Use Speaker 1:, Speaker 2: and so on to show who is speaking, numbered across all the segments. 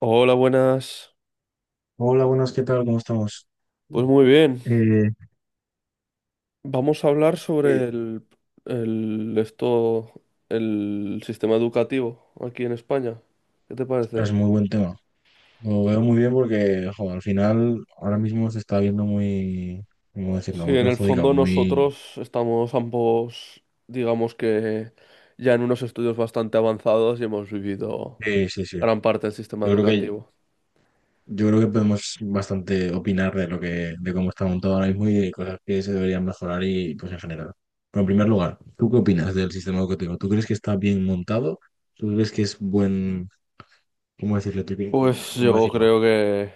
Speaker 1: Hola, buenas.
Speaker 2: Hola, buenas, ¿qué tal? ¿Cómo estamos? Mm.
Speaker 1: Pues muy bien.
Speaker 2: Eh,
Speaker 1: Vamos a hablar
Speaker 2: Eh,
Speaker 1: sobre el- esto, el sistema educativo aquí en España. ¿Qué te
Speaker 2: Ostras,
Speaker 1: parece?
Speaker 2: muy buen tema. Lo veo muy bien porque, jo, al final, ahora mismo se está viendo muy, ¿cómo decirlo?
Speaker 1: Sí,
Speaker 2: Muy
Speaker 1: en el
Speaker 2: perjudicado,
Speaker 1: fondo
Speaker 2: muy.
Speaker 1: nosotros estamos ambos, digamos que ya en unos estudios bastante avanzados y hemos vivido
Speaker 2: Sí, sí, sí.
Speaker 1: gran parte del sistema
Speaker 2: Yo creo que,
Speaker 1: educativo.
Speaker 2: yo creo que podemos bastante opinar de lo que, de cómo está montado ahora mismo y de cosas que se deberían mejorar y, pues, en general. Pero en primer lugar, ¿tú qué opinas del sistema educativo? ¿Tú crees que está bien montado? ¿Tú crees que es buen, ¿cómo decirlo?
Speaker 1: Pues
Speaker 2: ¿Cómo
Speaker 1: yo
Speaker 2: decirlo?
Speaker 1: creo que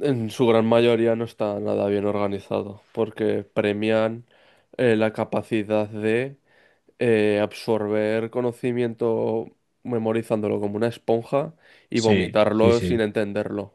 Speaker 1: en su gran mayoría no está nada bien organizado, porque premian la capacidad de absorber conocimiento memorizándolo como una esponja y
Speaker 2: Sí, sí,
Speaker 1: vomitarlo
Speaker 2: sí.
Speaker 1: sin entenderlo.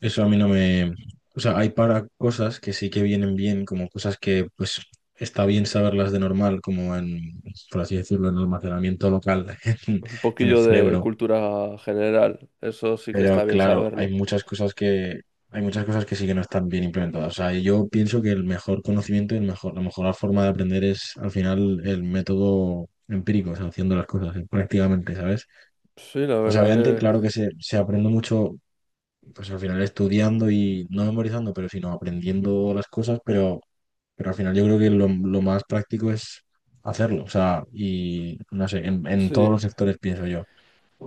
Speaker 2: Eso a mí no me. O sea, hay para cosas que sí que vienen bien, como cosas que pues está bien saberlas de normal, como en, por así decirlo, en almacenamiento local en,
Speaker 1: Un
Speaker 2: en el
Speaker 1: poquillo de
Speaker 2: cerebro.
Speaker 1: cultura general, eso sí que
Speaker 2: Pero
Speaker 1: está bien
Speaker 2: claro, hay
Speaker 1: saberlo.
Speaker 2: muchas cosas que, hay muchas cosas que sí que no están bien implementadas. O sea, y yo pienso que el mejor conocimiento y el mejor, la mejor forma de aprender es al final el método empírico, o sea, haciendo las cosas prácticamente, ¿sabes?
Speaker 1: Sí, la
Speaker 2: O sea,
Speaker 1: verdad
Speaker 2: obviamente,
Speaker 1: que
Speaker 2: claro que se aprende mucho pues al final estudiando y no memorizando, pero sino aprendiendo las cosas, pero al final yo creo que lo más práctico es hacerlo, o sea, y no sé, en todos
Speaker 1: sí.
Speaker 2: los sectores pienso yo.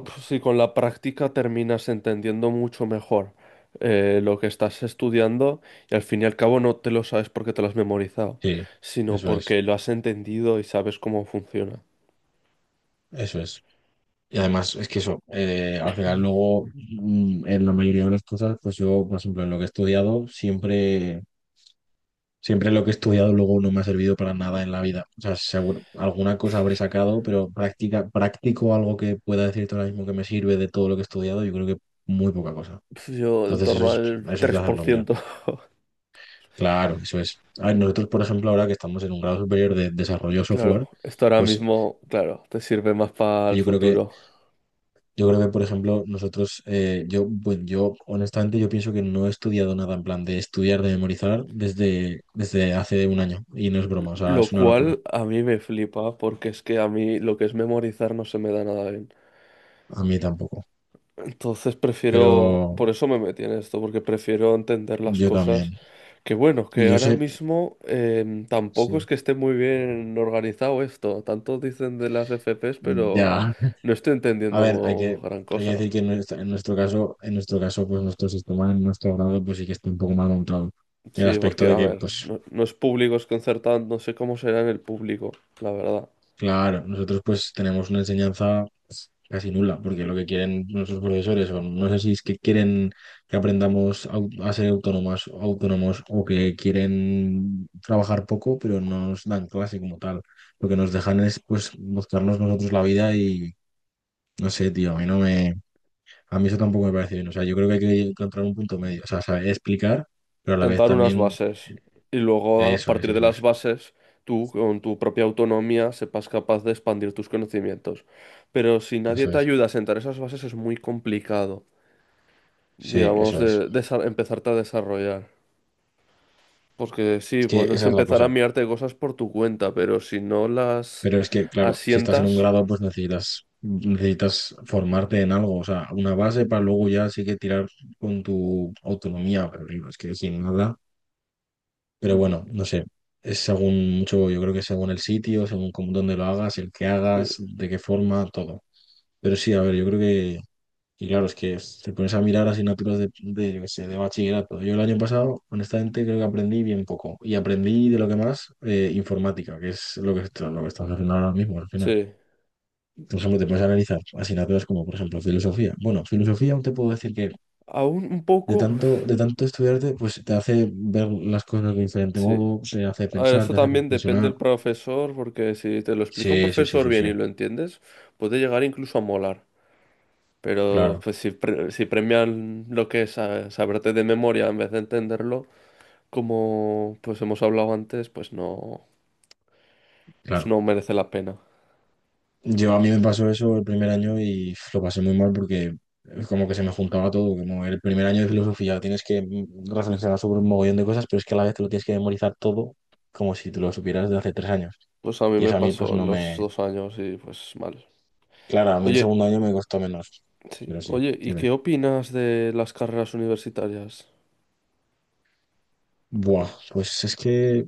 Speaker 1: Pues sí, con la práctica terminas entendiendo mucho mejor lo que estás estudiando y al fin y al cabo no te lo sabes porque te lo has memorizado,
Speaker 2: Sí,
Speaker 1: sino
Speaker 2: eso es,
Speaker 1: porque lo has entendido y sabes cómo funciona.
Speaker 2: eso es. Y además es que eso, al final luego en la mayoría de las cosas, pues yo, por ejemplo, en lo que he estudiado, Siempre lo que he estudiado luego no me ha servido para nada en la vida. O sea, seguro, alguna cosa habré sacado, pero práctica, práctico algo que pueda decirte ahora mismo que me sirve de todo lo que he estudiado, yo creo que muy poca cosa.
Speaker 1: Pues yo en
Speaker 2: Entonces
Speaker 1: torno al
Speaker 2: eso es de
Speaker 1: tres por
Speaker 2: hacerlo mirar.
Speaker 1: ciento
Speaker 2: Claro, eso es. A ver, nosotros, por ejemplo, ahora que estamos en un grado superior de desarrollo
Speaker 1: Claro,
Speaker 2: software,
Speaker 1: esto ahora
Speaker 2: pues
Speaker 1: mismo, claro, te sirve más para
Speaker 2: que
Speaker 1: el
Speaker 2: yo creo que,
Speaker 1: futuro.
Speaker 2: yo creo que, por ejemplo, nosotros, yo, bueno, yo honestamente yo pienso que no he estudiado nada en plan de estudiar, de memorizar desde hace un año. Y no es broma, o sea,
Speaker 1: Lo
Speaker 2: es una locura.
Speaker 1: cual a mí me flipa porque es que a mí lo que es memorizar no se me da nada bien.
Speaker 2: A mí tampoco.
Speaker 1: Entonces prefiero,
Speaker 2: Pero
Speaker 1: por eso me metí en esto, porque prefiero entender las
Speaker 2: yo también.
Speaker 1: cosas. Que bueno,
Speaker 2: Y
Speaker 1: que
Speaker 2: yo
Speaker 1: ahora
Speaker 2: sé,
Speaker 1: mismo tampoco es
Speaker 2: sí,
Speaker 1: que esté muy bien organizado esto. Tanto dicen de las FPs, pero
Speaker 2: ya.
Speaker 1: no estoy
Speaker 2: A ver, hay
Speaker 1: entendiendo
Speaker 2: que,
Speaker 1: gran
Speaker 2: hay que
Speaker 1: cosa.
Speaker 2: decir que en nuestra- en nuestro caso, pues nuestro sistema, en nuestro grado, pues sí que está un poco mal montado. En el
Speaker 1: Sí,
Speaker 2: aspecto
Speaker 1: porque
Speaker 2: de
Speaker 1: a
Speaker 2: que,
Speaker 1: ver,
Speaker 2: pues,
Speaker 1: no, no es público, es concertado, no sé cómo será en el público, la verdad.
Speaker 2: claro, nosotros pues tenemos una enseñanza pues, casi nula, porque lo que quieren nuestros profesores, o no sé si es que quieren que aprendamos a ser autónomas, autónomos, o que quieren trabajar poco, pero no nos dan clase como tal. Lo que nos dejan es, pues, buscarnos nosotros la vida y no sé, tío, a mí no me, a mí eso tampoco me parece bien. O sea, yo creo que hay que encontrar un punto medio. O sea, saber explicar, pero a la vez
Speaker 1: Tentar unas
Speaker 2: también,
Speaker 1: bases y luego a
Speaker 2: eso es,
Speaker 1: partir de
Speaker 2: eso
Speaker 1: las
Speaker 2: es,
Speaker 1: bases tú con tu propia autonomía sepas capaz de expandir tus conocimientos. Pero si nadie
Speaker 2: eso
Speaker 1: te
Speaker 2: es.
Speaker 1: ayuda a sentar esas bases es muy complicado,
Speaker 2: Sí,
Speaker 1: digamos,
Speaker 2: eso es.
Speaker 1: empezarte a desarrollar. Porque sí,
Speaker 2: Es que
Speaker 1: pues es
Speaker 2: esa es la
Speaker 1: empezar a
Speaker 2: cosa.
Speaker 1: mirarte cosas por tu cuenta, pero si no las
Speaker 2: Pero es que, claro, si estás en un
Speaker 1: asientas.
Speaker 2: grado, pues necesitas formarte en algo. O sea, una base para luego ya sí que tirar con tu autonomía. Pero digo, es que sin nada. Pero
Speaker 1: Mm,
Speaker 2: bueno, no sé. Es según mucho, yo creo que según el sitio, según cómo, dónde lo hagas, el que
Speaker 1: sí,
Speaker 2: hagas, de qué forma, todo. Pero sí, a ver, yo creo que. Y claro, es que te pones a mirar asignaturas de, yo qué sé, de bachillerato. Yo el año pasado, honestamente, creo que aprendí bien poco. Y aprendí de lo que más, informática, que es lo que estamos haciendo ahora mismo, al final.
Speaker 1: sí.
Speaker 2: Por ejemplo, te puedes analizar asignaturas como, por ejemplo, filosofía. Bueno, filosofía aún te puedo decir que
Speaker 1: Aún un
Speaker 2: de
Speaker 1: poco,
Speaker 2: tanto,
Speaker 1: uf,
Speaker 2: de tanto estudiarte, pues te hace ver las cosas de diferente
Speaker 1: sí.
Speaker 2: modo, te hace
Speaker 1: A ver,
Speaker 2: pensar,
Speaker 1: eso
Speaker 2: te hace
Speaker 1: también depende
Speaker 2: reflexionar.
Speaker 1: del profesor, porque si te lo explica un
Speaker 2: Sí, sí, sí,
Speaker 1: profesor
Speaker 2: sí,
Speaker 1: bien
Speaker 2: sí.
Speaker 1: y lo entiendes, puede llegar incluso a molar. Pero
Speaker 2: Claro,
Speaker 1: pues si premian lo que es saberte de memoria en vez de entenderlo, como pues hemos hablado antes, pues
Speaker 2: claro.
Speaker 1: no merece la pena.
Speaker 2: Yo a mí me pasó eso el primer año y uf, lo pasé muy mal porque como que se me juntaba todo, como el primer año de filosofía tienes que reflexionar sobre un mogollón de cosas, pero es que a la vez te lo tienes que memorizar todo como si te lo supieras de hace 3 años.
Speaker 1: Pues a mí
Speaker 2: Y
Speaker 1: me
Speaker 2: eso a mí pues
Speaker 1: pasó en
Speaker 2: no
Speaker 1: los
Speaker 2: me.
Speaker 1: 2 años y pues mal.
Speaker 2: Claro, a mí el
Speaker 1: Oye,
Speaker 2: segundo año me costó menos,
Speaker 1: sí.
Speaker 2: pero sí,
Speaker 1: Oye, ¿y
Speaker 2: dime.
Speaker 1: qué opinas de las carreras universitarias?
Speaker 2: Buah, pues es que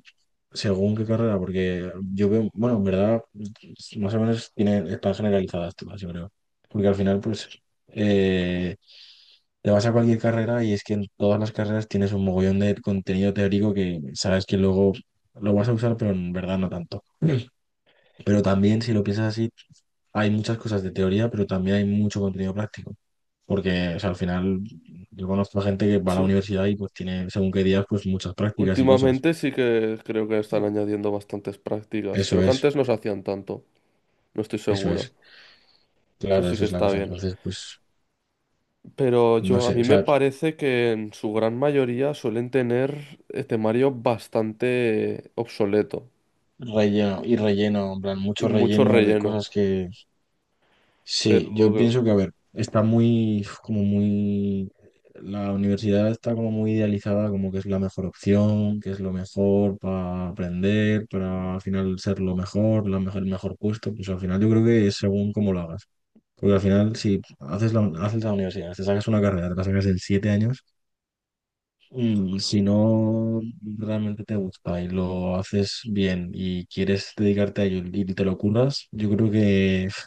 Speaker 2: según qué carrera, porque yo veo, bueno, en verdad, más o menos tienen, están generalizadas todas, yo creo. Porque al final, pues, eh, te vas a cualquier carrera y es que en todas las carreras tienes un mogollón de contenido teórico que sabes que luego lo vas a usar, pero en verdad no tanto. Pero también, si lo piensas así, hay muchas cosas de teoría, pero también hay mucho contenido práctico. Porque, o sea, al final, yo conozco a gente que va a la
Speaker 1: Sí,
Speaker 2: universidad y pues tiene, según qué días, pues muchas prácticas y cosas.
Speaker 1: últimamente sí que creo que están
Speaker 2: Sí.
Speaker 1: añadiendo bastantes prácticas.
Speaker 2: Eso
Speaker 1: Creo que
Speaker 2: es,
Speaker 1: antes no se hacían tanto. No estoy
Speaker 2: eso
Speaker 1: seguro.
Speaker 2: es.
Speaker 1: Eso
Speaker 2: Claro,
Speaker 1: sí
Speaker 2: eso
Speaker 1: que
Speaker 2: es la
Speaker 1: está
Speaker 2: cosa.
Speaker 1: bien.
Speaker 2: Entonces, pues,
Speaker 1: Pero
Speaker 2: no
Speaker 1: yo, a
Speaker 2: sé,
Speaker 1: mí
Speaker 2: o
Speaker 1: me
Speaker 2: sea,
Speaker 1: parece que en su gran mayoría suelen tener temario bastante obsoleto
Speaker 2: relleno y relleno, en plan,
Speaker 1: y
Speaker 2: mucho
Speaker 1: mucho
Speaker 2: relleno de
Speaker 1: relleno.
Speaker 2: cosas que
Speaker 1: Pero
Speaker 2: sí, yo pienso que, a ver, está muy, como muy, la universidad está como muy idealizada, como que es la mejor opción, que es lo mejor para aprender, para al final ser lo mejor, la mejor, el mejor puesto, pues al final yo creo que es según cómo lo hagas. Porque al final, si haces la universidad, te sacas una carrera, te la sacas en 7 años. Y si no realmente te gusta y lo haces bien y quieres dedicarte a ello y te lo curras, yo creo que pf,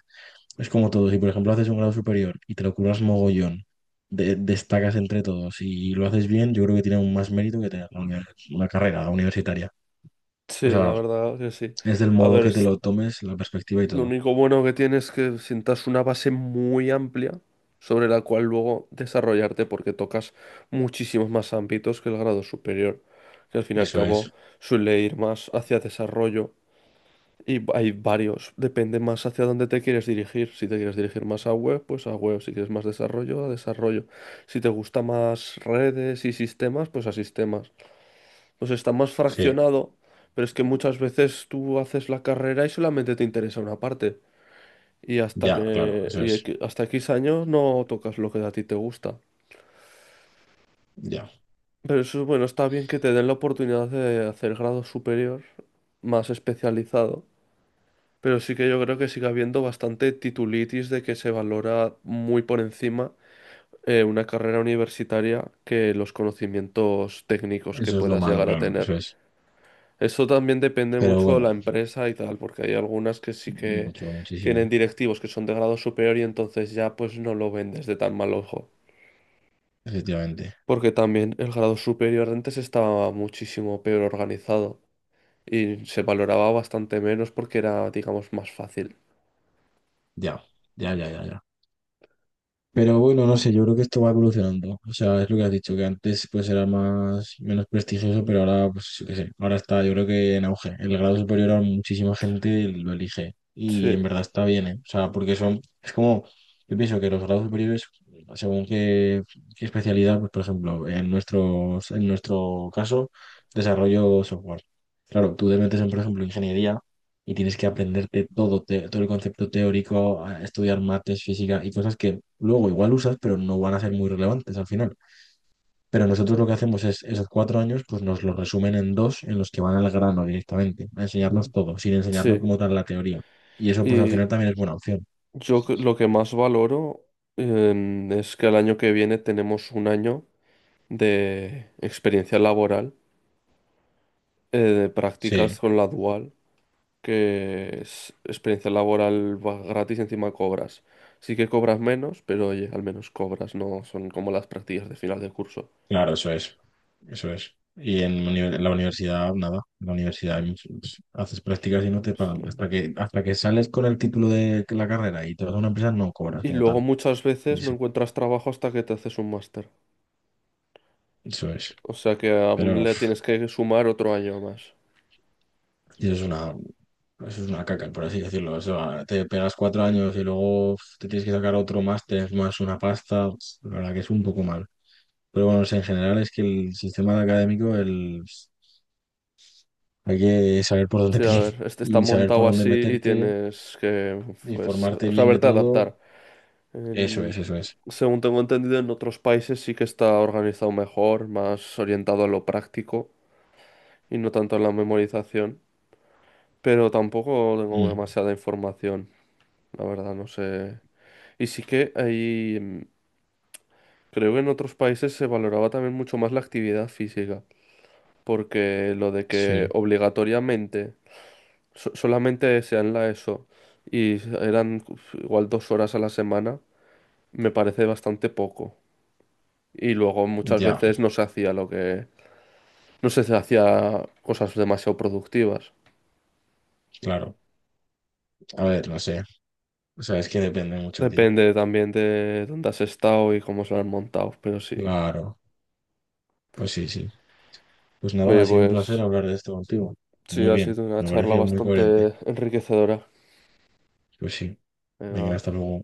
Speaker 2: es como todo. Si por ejemplo haces un grado superior y te lo curras mogollón, destacas entre todos y lo haces bien, yo creo que tiene aún más mérito que tener una carrera universitaria. O
Speaker 1: sí, la
Speaker 2: sea,
Speaker 1: verdad que sí.
Speaker 2: es del
Speaker 1: A
Speaker 2: modo
Speaker 1: ver,
Speaker 2: que te lo tomes, la perspectiva y
Speaker 1: lo
Speaker 2: todo.
Speaker 1: único bueno que tiene es que sientas una base muy amplia sobre la cual luego desarrollarte porque tocas muchísimos más ámbitos que el grado superior, que al fin y al
Speaker 2: Eso es,
Speaker 1: cabo suele ir más hacia desarrollo. Y hay varios, depende más hacia dónde te quieres dirigir. Si te quieres dirigir más a web, pues a web. Si quieres más desarrollo, a desarrollo. Si te gusta más redes y sistemas, pues a sistemas. Pues está más
Speaker 2: sí,
Speaker 1: fraccionado, pero es que muchas veces tú haces la carrera y solamente te interesa una parte. Y hasta
Speaker 2: ya, claro,
Speaker 1: que,
Speaker 2: eso
Speaker 1: y
Speaker 2: es,
Speaker 1: equi- hasta X años no tocas lo que a ti te gusta.
Speaker 2: ya.
Speaker 1: Pero eso, bueno, está bien que te den la oportunidad de hacer grado superior más especializado. Pero sí que yo creo que sigue habiendo bastante titulitis de que se valora muy por encima una carrera universitaria que los conocimientos técnicos que
Speaker 2: Eso es lo
Speaker 1: puedas
Speaker 2: malo,
Speaker 1: llegar a
Speaker 2: claro,
Speaker 1: tener.
Speaker 2: eso es.
Speaker 1: Eso también depende
Speaker 2: Pero
Speaker 1: mucho de
Speaker 2: bueno,
Speaker 1: la empresa y tal, porque hay algunas que sí que
Speaker 2: mucho,
Speaker 1: tienen
Speaker 2: muchísimo,
Speaker 1: directivos que son de grado superior y entonces ya pues no lo ven desde tan mal ojo.
Speaker 2: efectivamente.
Speaker 1: Porque también el grado superior antes estaba muchísimo peor organizado y se valoraba bastante menos porque era, digamos, más fácil.
Speaker 2: Ya, ya, ya, ya, ya. Pero bueno, no sé, yo creo que esto va evolucionando. O sea, es lo que has dicho, que antes pues era más, menos prestigioso, pero ahora, pues yo qué sé, ahora está, yo creo que en auge. El grado superior a muchísima gente lo elige. Y
Speaker 1: Sí.
Speaker 2: en verdad está bien, ¿eh? O sea, porque son, es como, yo pienso que los grados superiores, según qué, qué especialidad, pues por ejemplo, en nuestro caso, desarrollo software. Claro, tú te metes en, por ejemplo, ingeniería y tienes que aprenderte todo, todo el concepto teórico, a estudiar mates, física y cosas que luego igual usas, pero no van a ser muy relevantes al final. Pero nosotros lo que hacemos es esos 4 años, pues nos los resumen en dos en los que van al grano directamente, a enseñarnos
Speaker 1: Mm.
Speaker 2: todo, sin enseñarnos
Speaker 1: Sí.
Speaker 2: como tal la teoría. Y eso pues al
Speaker 1: Y
Speaker 2: final también es buena opción.
Speaker 1: lo que más valoro es que el año que viene tenemos un año de experiencia laboral, de prácticas
Speaker 2: Sí,
Speaker 1: con la dual, que es experiencia laboral va gratis, y encima cobras. Sí que cobras menos, pero oye, al menos cobras, no son como las prácticas de final de curso.
Speaker 2: claro, eso es, eso es. Y en la universidad, nada, en la universidad hay pues, haces prácticas y no te
Speaker 1: Pues,
Speaker 2: pagan.
Speaker 1: lo-
Speaker 2: Hasta que sales con el título de la carrera y te vas a una empresa, no cobras
Speaker 1: Y
Speaker 2: como tal.
Speaker 1: luego muchas
Speaker 2: Y
Speaker 1: veces no
Speaker 2: eso,
Speaker 1: encuentras trabajo hasta que te haces un máster.
Speaker 2: eso es.
Speaker 1: O sea que aún
Speaker 2: Pero
Speaker 1: le tienes que sumar otro año más.
Speaker 2: Y eso es una caca, por así decirlo. O sea, te pegas 4 años y luego uf, te tienes que sacar otro máster más una pasta. La verdad que es un poco mal. Pero bueno, o sea, en general es que el sistema académico el, hay que saber por dónde
Speaker 1: Sí, a
Speaker 2: pillar
Speaker 1: ver, este está
Speaker 2: y saber por
Speaker 1: montado
Speaker 2: dónde
Speaker 1: así y
Speaker 2: meterte,
Speaker 1: tienes que, pues,
Speaker 2: informarte bien de
Speaker 1: saberte
Speaker 2: todo.
Speaker 1: adaptar.
Speaker 2: Eso es,
Speaker 1: En-
Speaker 2: eso es.
Speaker 1: Según tengo entendido, en otros países sí que está organizado mejor, más orientado a lo práctico y no tanto a la memorización. Pero tampoco tengo
Speaker 2: Mm,
Speaker 1: demasiada información, la verdad, no sé. Y sí que ahí, creo que en otros países se valoraba también mucho más la actividad física, porque lo de que
Speaker 2: sí,
Speaker 1: obligatoriamente solamente desean la ESO y eran uf, igual 2 horas a la semana, me parece bastante poco. Y luego muchas
Speaker 2: ya,
Speaker 1: veces no se hacía lo que, no se hacía cosas demasiado productivas.
Speaker 2: claro. A ver, no sé. O sea, es que depende mucho, tío.
Speaker 1: Depende también de dónde has estado y cómo se lo han montado, pero sí.
Speaker 2: Claro. Pues sí, sí. Pues nada, ha
Speaker 1: Oye,
Speaker 2: sido un placer
Speaker 1: pues
Speaker 2: hablar de esto contigo.
Speaker 1: sí,
Speaker 2: Muy
Speaker 1: ha
Speaker 2: bien,
Speaker 1: sido una
Speaker 2: me ha
Speaker 1: charla
Speaker 2: parecido muy
Speaker 1: bastante
Speaker 2: coherente.
Speaker 1: enriquecedora.
Speaker 2: Pues sí. Venga,
Speaker 1: Me
Speaker 2: hasta luego.